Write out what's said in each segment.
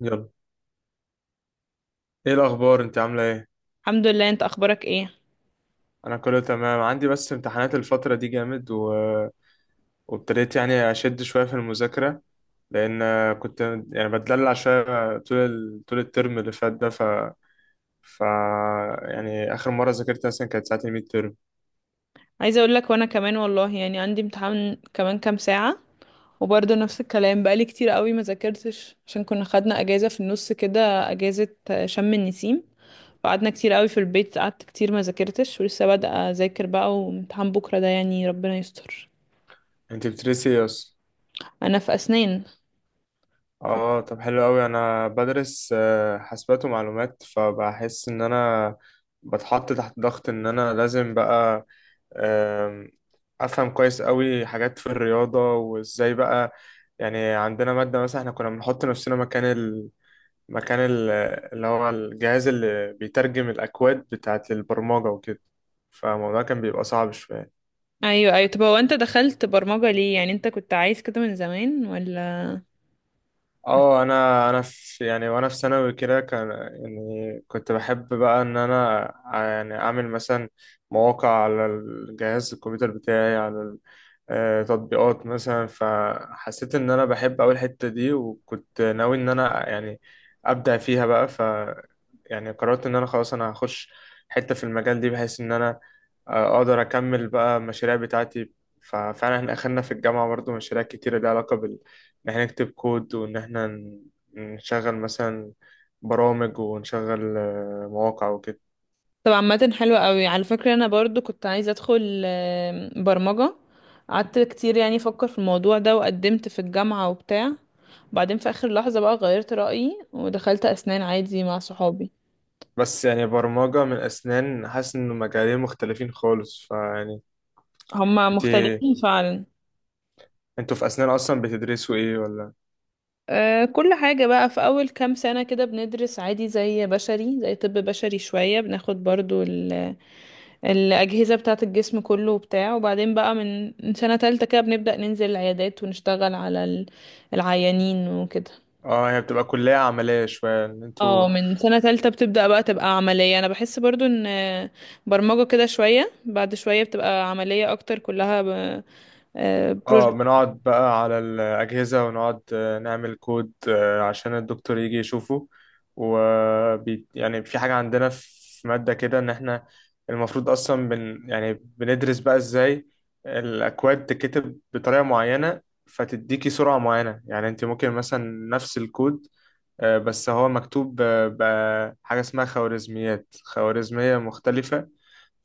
يلا، ايه الاخبار؟ انت عامله ايه؟ الحمد لله، انت اخبارك ايه؟ انا كله تمام عندي، بس امتحانات الفتره دي جامد وابتديت يعني اشد شويه في المذاكره، لان كنت يعني بتدلع شويه طول طول الترم اللي فات ده. ف ف يعني اخر مره ذاكرت مثلا كانت ساعه الميد ترم. عايزه اقول لك وانا كمان والله يعني عندي امتحان كمان كام ساعه، وبرضه نفس الكلام بقالي كتير قوي ما ذاكرتش عشان كنا خدنا اجازه في النص كده، اجازه شم النسيم. فقعدنا كتير قوي في البيت، قعدت كتير ما ذاكرتش ولسه بادئه اذاكر بقى، وامتحان بكره ده يعني ربنا يستر. انت بتدرسي ايه اصلا؟ انا في اسنان. ف- اه، طب حلو قوي. انا بدرس حاسبات ومعلومات، فبحس ان انا بتحط تحت ضغط ان انا لازم بقى أم، افهم كويس قوي حاجات في الرياضه وازاي بقى. يعني عندنا ماده مثلا احنا كنا بنحط نفسنا مكان مكان ال... اللي هو الجهاز اللي بيترجم الاكواد بتاعت البرمجه وكده. فالموضوع كان بيبقى صعب شويه. ايوه ايوه، طب هو انت دخلت برمجه ليه؟ يعني انت كنت عايز كده من زمان ولا؟ اه، انا في، يعني وانا في ثانوي كده، كان يعني كنت بحب بقى ان انا يعني اعمل مثلا مواقع على الجهاز الكمبيوتر بتاعي، على تطبيقات مثلا. فحسيت ان انا بحب اول الحتة دي، وكنت ناوي ان انا يعني ابدع فيها بقى. يعني قررت ان انا خلاص انا هخش حتة في المجال دي، بحيث ان انا اقدر اكمل بقى المشاريع بتاعتي. ففعلا احنا اخدنا في الجامعة برضو مشاريع كتيرة ليها علاقة بال، ان احنا نكتب كود وان احنا نشغل مثلا برامج، ونشغل مواقع وكده. طب عامة حلوة قوي على فكرة، انا برضو كنت عايزة ادخل برمجة. قعدت كتير يعني افكر في الموضوع ده، وقدمت في الجامعة وبتاع. بعدين في اخر لحظة بقى غيرت رأيي ودخلت اسنان عادي مع صحابي. بس يعني برمجة من اسنان، حاسس ان مجالين مختلفين خالص، فيعني هما انت مختلفين فعلا. انتوا في اسنان اصلا بتدرسوا ايه ولا؟ أه، كل حاجة بقى في اول كام سنة كده بندرس عادي زي بشري، زي طب بشري، شوية بناخد برضو الاجهزة بتاعة الجسم كله وبتاع، وبعدين بقى من سنة تالتة كده بنبدأ ننزل العيادات ونشتغل على العيانين وكده. اه، هي بتبقى كلية عملية شوية ان انتوا، اه، من سنة تالتة بتبدأ بقى تبقى عملية. أنا بحس برضو إن برمجة كده شوية بعد شوية بتبقى عملية أكتر، كلها اه بروجكت. بنقعد بقى على الأجهزة ونقعد نعمل كود عشان الدكتور يجي يشوفه. وبي يعني في حاجة عندنا في مادة كده إن إحنا المفروض أصلا يعني بندرس بقى إزاي الأكواد تتكتب بطريقة معينة، فتديكي سرعة معينة. يعني أنت ممكن مثلا نفس الكود بس هو مكتوب بحاجة اسمها خوارزميات، خوارزمية مختلفة.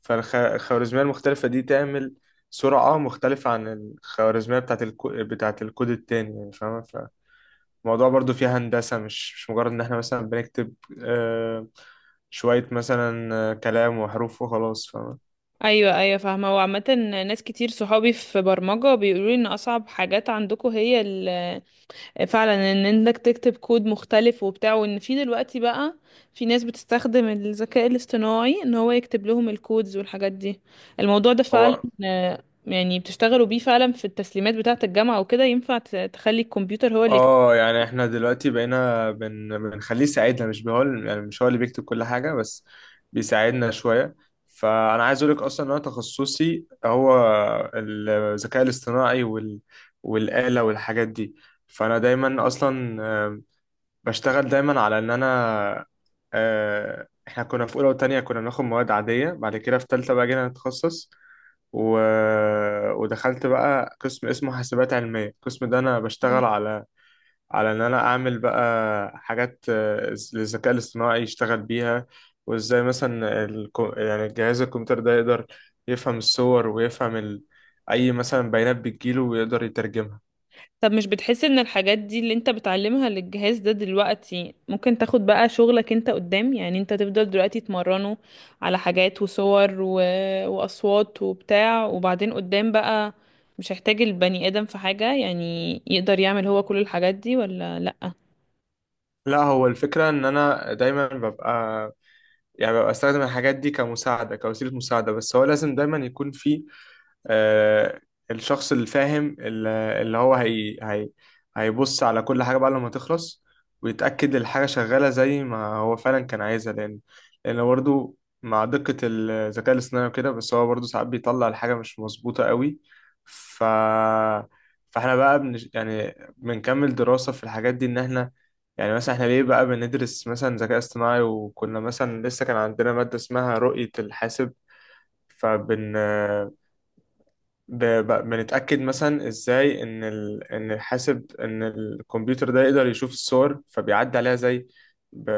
فالخوارزمية المختلفة دي تعمل سرعة مختلفة عن الخوارزمية بتاعت الكود التاني. يعني فاهمة؟ فالموضوع برضو فيها هندسة، مش مجرد إن احنا مثلا بنكتب آه، شوية مثلا كلام وحروف وخلاص، فاهمة. أيوة أيوة فاهمة. وعامة ناس كتير صحابي في برمجة بيقولوا لي إن أصعب حاجات عندكم هي فعلا ان انك تكتب كود مختلف وبتاع، وان في دلوقتي بقى في ناس بتستخدم الذكاء الاصطناعي ان هو يكتب لهم الكودز والحاجات دي. الموضوع ده فعلا هو، يعني بتشتغلوا بيه فعلا في التسليمات بتاعة الجامعة وكده؟ ينفع تخلي الكمبيوتر هو اللي يكتب؟ اه يعني احنا دلوقتي بقينا بنخليه يساعدنا، مش هو يعني مش هو اللي بيكتب كل حاجة، بس بيساعدنا شوية. فأنا عايز أقولك أصلا إن أنا تخصصي هو الذكاء الاصطناعي والآلة والحاجات دي. فأنا دايما أصلا بشتغل دايما على إن أنا احنا كنا في أولى وتانية كنا بناخد مواد عادية، بعد كده في تالتة بقى جينا نتخصص و... ودخلت بقى قسم اسمه حاسبات علمية. القسم ده أنا بشتغل على، على ان انا اعمل بقى حاجات للذكاء الاصطناعي يشتغل بيها. وازاي مثلا يعني جهاز الكمبيوتر ده يقدر يفهم الصور ويفهم اي مثلا بيانات بتجيله ويقدر يترجمها. طب مش بتحس ان الحاجات دي اللي انت بتعلمها للجهاز ده دلوقتي ممكن تاخد بقى شغلك انت قدام؟ يعني انت تفضل دلوقتي تمرنه على حاجات وصور واصوات وبتاع، وبعدين قدام بقى مش هيحتاج البني ادم في حاجة، يعني يقدر يعمل هو كل الحاجات دي ولا لأ؟ لا، هو الفكرة ان انا دايما ببقى يعني ببقى استخدم الحاجات دي كمساعدة، كوسيلة مساعدة. بس هو لازم دايما يكون في آه، الشخص الفاهم اللي هو هي هيبص على كل حاجة بعد لما تخلص، ويتأكد الحاجة شغالة زي ما هو فعلا كان عايزها. لأن برضه مع دقة الذكاء الاصطناعي وكده، بس هو برضه ساعات بيطلع الحاجة مش مظبوطة قوي. ف فاحنا بقى يعني بنكمل دراسة في الحاجات دي، إن احنا يعني مثلا احنا ليه بقى بندرس مثلا ذكاء اصطناعي. وكنا مثلا لسه كان عندنا مادة اسمها رؤية الحاسب. فبن بنتأكد مثلا ازاي ان ان الحاسب، ان الكمبيوتر ده يقدر يشوف الصور. فبيعدي عليها زي ب...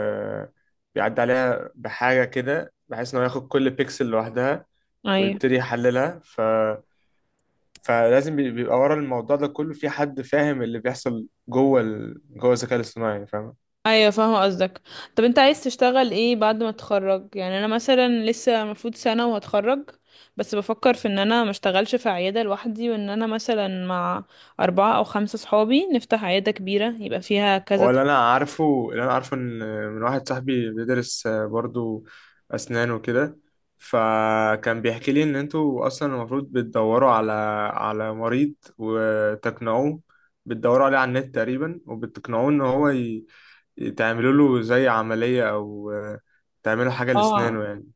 بيعدي عليها بحاجة كده، بحيث انه ياخد كل بيكسل لوحدها ويبتدي يحللها فلازم بيبقى ورا الموضوع ده كله في حد فاهم اللي بيحصل جوه جوه الذكاء الاصطناعي، فاهم. ايوه فاهمه قصدك. طب انت عايز تشتغل ايه بعد ما تتخرج؟ يعني انا مثلا لسه المفروض سنه وهتخرج، بس بفكر في ان انا ما اشتغلش في عياده لوحدي، وان انا مثلا مع اربعه او خمسه صحابي نفتح عياده كبيره يبقى فيها كذا هو اللي انا عارفه ان، من واحد صاحبي بيدرس برضو اسنان وكده، فكان بيحكي لي ان انتوا اصلا المفروض بتدوروا على، على مريض وتقنعوه، بتدوروا عليه على النت تقريبا، وبتقنعوه ان هو تعملوا له زي عملية او تعملوا حاجة اه لاسنانه يعني.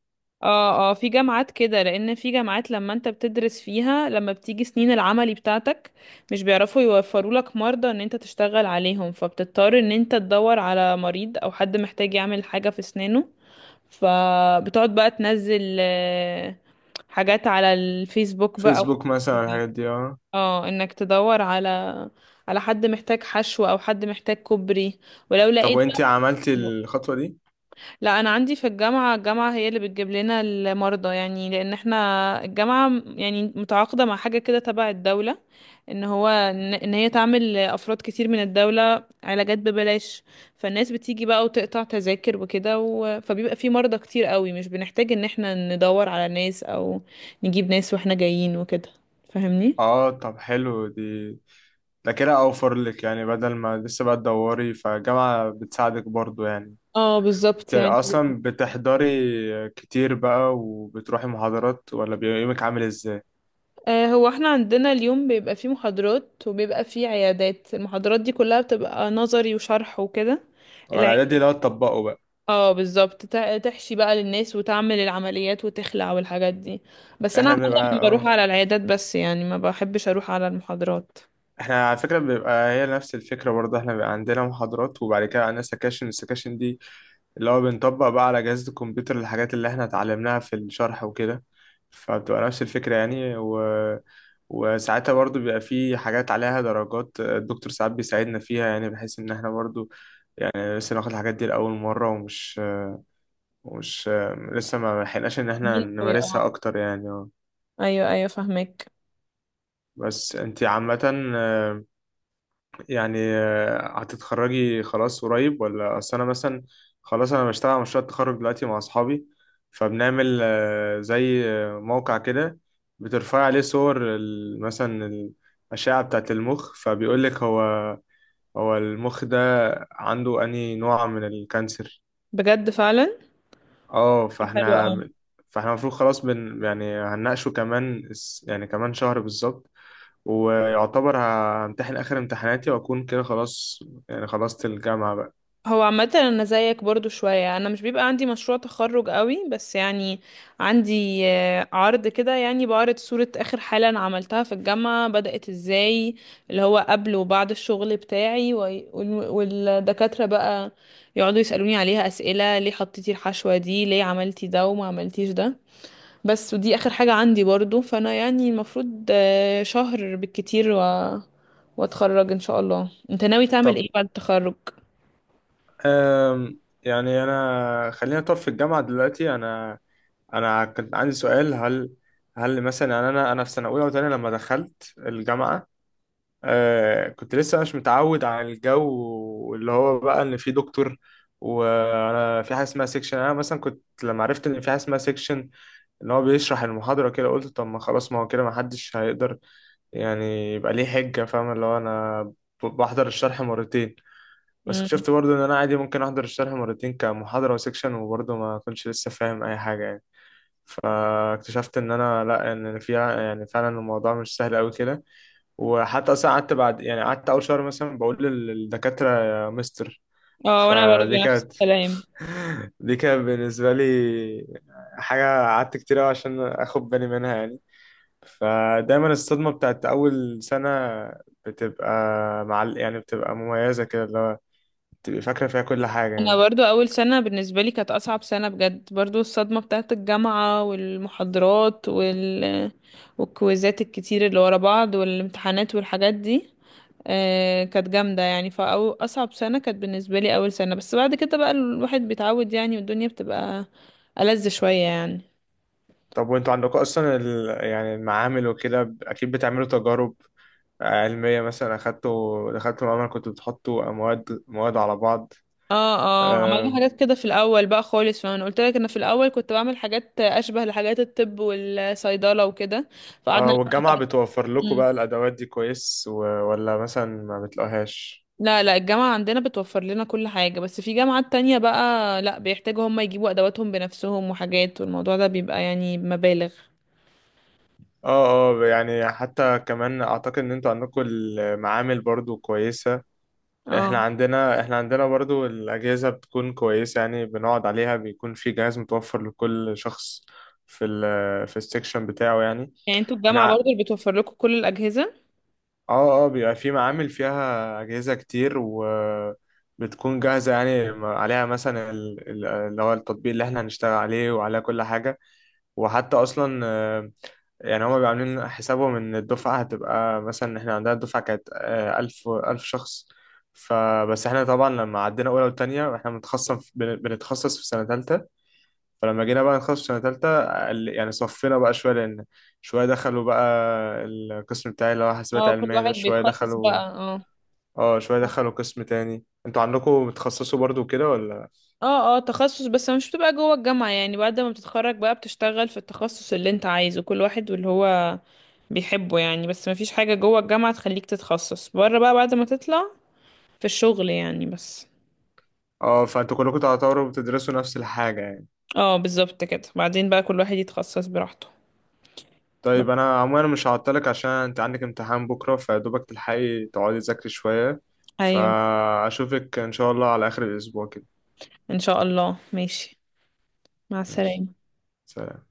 اه. اه، في جامعات كده، لان في جامعات لما انت بتدرس فيها لما بتيجي سنين العملي بتاعتك مش بيعرفوا يوفروا لك مرضى ان انت تشتغل عليهم، فبتضطر ان انت تدور على مريض او حد محتاج يعمل حاجه في اسنانه. فبتقعد بقى تنزل حاجات على الفيسبوك بقى أو فيسبوك كده. مثلا الحاجات دي، اه. اه، انك تدور على على حد محتاج حشو او حد محتاج كوبري ولو طب لقيت وانتي عملتي بقى. الخطوة دي؟ لا، انا عندي في الجامعه، الجامعه هي اللي بتجيب لنا المرضى، يعني لان احنا الجامعه يعني متعاقده مع حاجه كده تبع الدوله ان هو ان إن هي تعمل افراد كتير من الدوله علاجات ببلاش. فالناس بتيجي بقى وتقطع تذاكر وكده فبيبقى في مرضى كتير قوي، مش بنحتاج ان احنا ندور على ناس او نجيب ناس واحنا جايين وكده. فاهمني؟ اه، طب حلو دي. ده كده اوفر لك، يعني بدل ما لسه بقى تدوري، فالجامعة بتساعدك برضو يعني. اه بالظبط يعني. اصلا بتحضري كتير بقى وبتروحي محاضرات، ولا بيبقى يومك عامل ازاي؟ هو احنا عندنا اليوم بيبقى فيه محاضرات وبيبقى فيه عيادات. المحاضرات دي كلها بتبقى نظري وشرح وكده. ولا دي العيادات لو تطبقه بقى. اه بالظبط تحشي بقى للناس وتعمل العمليات وتخلع والحاجات دي. بس انا احنا بنبقى عامة بروح على العيادات بس، يعني ما بحبش اروح على المحاضرات. احنا على فكرة بيبقى هي نفس الفكرة برضه، احنا بيبقى عندنا محاضرات وبعد كده عندنا سكاشن. السكاشن دي اللي هو بنطبق بقى على جهاز الكمبيوتر الحاجات اللي احنا اتعلمناها في الشرح وكده. فبتبقى نفس الفكرة يعني وساعتها برضه بيبقى في حاجات عليها درجات، الدكتور ساعات بيساعدنا فيها، يعني بحيث ان احنا برضه يعني لسه ناخد الحاجات دي لأول مرة، ومش لسه ما لحقناش ان احنا مين قوي، اه. نمارسها اكتر يعني. ايوه ايوه فاهمك. بس انتي عامة يعني هتتخرجي خلاص قريب ولا؟ اصل انا مثلا خلاص انا بشتغل على مشروع التخرج دلوقتي مع اصحابي، فبنعمل زي موقع كده بترفع عليه صور مثلا الأشعة بتاعة المخ، فبيقول لك هو، هو المخ ده عنده أنهي نوع من الكانسر. بجد فعلا، اه، حلو فاحنا، قوي. فاحنا المفروض خلاص يعني هنناقشه كمان يعني كمان شهر بالظبط، ويعتبر همتحن آخر امتحاناتي، وأكون كده خلاص يعني خلصت الجامعة بقى. هو عامة أنا زيك برضو شوية، أنا مش بيبقى عندي مشروع تخرج قوي، بس يعني عندي عرض كده، يعني بعرض صورة آخر حالة أنا عملتها في الجامعة بدأت إزاي، اللي هو قبل وبعد الشغل بتاعي، والدكاترة بقى يقعدوا يسألوني عليها أسئلة ليه حطيتي الحشوة دي، ليه عملتي ده وما عملتيش ده. بس ودي آخر حاجة عندي برضو، فأنا يعني المفروض شهر بالكتير واتخرج إن شاء الله. أنت ناوي تعمل إيه طب بعد التخرج؟ يعني أنا خلينا طب في الجامعة دلوقتي. أنا أنا كنت عندي سؤال: هل، هل مثلا يعني أنا، أنا في سنة أولى وتانية لما دخلت الجامعة، آه كنت لسه مش متعود على الجو اللي هو بقى ان في دكتور وانا في حاجه اسمها سيكشن. انا مثلا كنت لما عرفت ان في حاجه اسمها سيكشن ان هو بيشرح المحاضره كده، قلت طب ما خلاص، ما هو كده ما حدش هيقدر يعني يبقى ليه حجه، فاهم، اللي هو انا بحضر الشرح 2. بس اكتشفت برضه ان انا عادي ممكن احضر الشرح 2 كمحاضره وسيكشن وبرضه ما كنتش لسه فاهم اي حاجه يعني. فاكتشفت ان انا لا، ان فيها يعني فعلا الموضوع مش سهل قوي كده. وحتى اصلا قعدت بعد يعني قعدت اول شهر مثلا بقول للدكاتره يا مستر. اه وانا برضو فدي نفس كانت الكلام. دي كانت بالنسبه لي حاجه قعدت كتير أوي عشان اخد بالي منها يعني. فدايما الصدمه بتاعت اول سنه بتبقى مع، يعني بتبقى مميزه كده، اللي هو تبقى فاكره فيها كل حاجه انا يعني. برضو اول سنة بالنسبة لي كانت اصعب سنة بجد، برضو الصدمة بتاعت الجامعة والمحاضرات والكويزات الكتير اللي ورا بعض والامتحانات والحاجات دي. آه كانت جامدة يعني، فأو أصعب سنة كانت بالنسبة لي أول سنة، بس بعد كده بقى الواحد بيتعود يعني، والدنيا بتبقى ألذ شوية يعني. طب وانتوا عندكم اصلا يعني المعامل وكده اكيد بتعملوا تجارب علمية؟ مثلا أخدتوا دخلتوا معمل كنتوا بتحطوا مواد على بعض؟ اه اه، عملنا حاجات كده في الاول بقى خالص، فانا قلت لك انا في الاول كنت بعمل حاجات اشبه لحاجات الطب والصيدله وكده اه، فقعدنا. والجامعة بتوفر لكم بقى الأدوات دي كويس ولا مثلا ما بتلاقوهاش؟ لا لا، الجامعة عندنا بتوفر لنا كل حاجة، بس في جامعات تانية بقى لا، بيحتاجوا هم يجيبوا أدواتهم بنفسهم وحاجات، والموضوع ده بيبقى يعني مبالغ. اه اه، يعني حتى كمان اعتقد ان انتوا عندكم المعامل برضو كويسة. اه احنا عندنا برضو الأجهزة بتكون كويسة، يعني بنقعد عليها، بيكون في جهاز متوفر لكل شخص في ال، في السكشن بتاعه يعني. يعني انتوا احنا الجامعة برضه ع- اللي بتوفر لكم كل الأجهزة. اه اه، بيبقى في معامل فيها أجهزة كتير، و بتكون جاهزة يعني عليها مثلا اللي هو التطبيق اللي احنا هنشتغل عليه وعلى كل حاجة. وحتى اصلا يعني هما بيبقوا عاملين حسابهم ان الدفعه هتبقى مثلا، احنا عندنا الدفعه كانت ألف شخص. فبس احنا طبعا لما عدينا اولى وتانية، احنا بنتخصص في سنه تالتة. فلما جينا بقى نتخصص في سنه تالتة يعني صفينا بقى شويه، لان شويه دخلوا بقى القسم بتاعي اللي هو حاسبات اه كل علميه ده، واحد شويه بيتخصص دخلوا. بقى، اه. اه، شويه دخلوا قسم تاني. انتوا عندكم بتخصصوا برضو كده ولا؟ اه اه تخصص، بس مش بتبقى جوه الجامعة يعني، بعد ما بتتخرج بقى بتشتغل في التخصص اللي انت عايزه، كل واحد واللي هو بيحبه يعني، بس مفيش حاجة جوه الجامعة تخليك تتخصص، بره بقى بعد ما تطلع في الشغل يعني بس. اه، فانتوا كلكم تعتبروا بتدرسوا نفس الحاجه يعني. اه بالظبط كده، بعدين بقى كل واحد يتخصص براحته. طيب انا عموما مش هعطلك عشان انت عندك امتحان بكره، فدوبك تلحقي تقعدي تذاكري شويه. ايوه. فاشوفك ان شاء الله على اخر الاسبوع كده. ان شاء الله ماشي. مع ماشي، السلامة. سلام.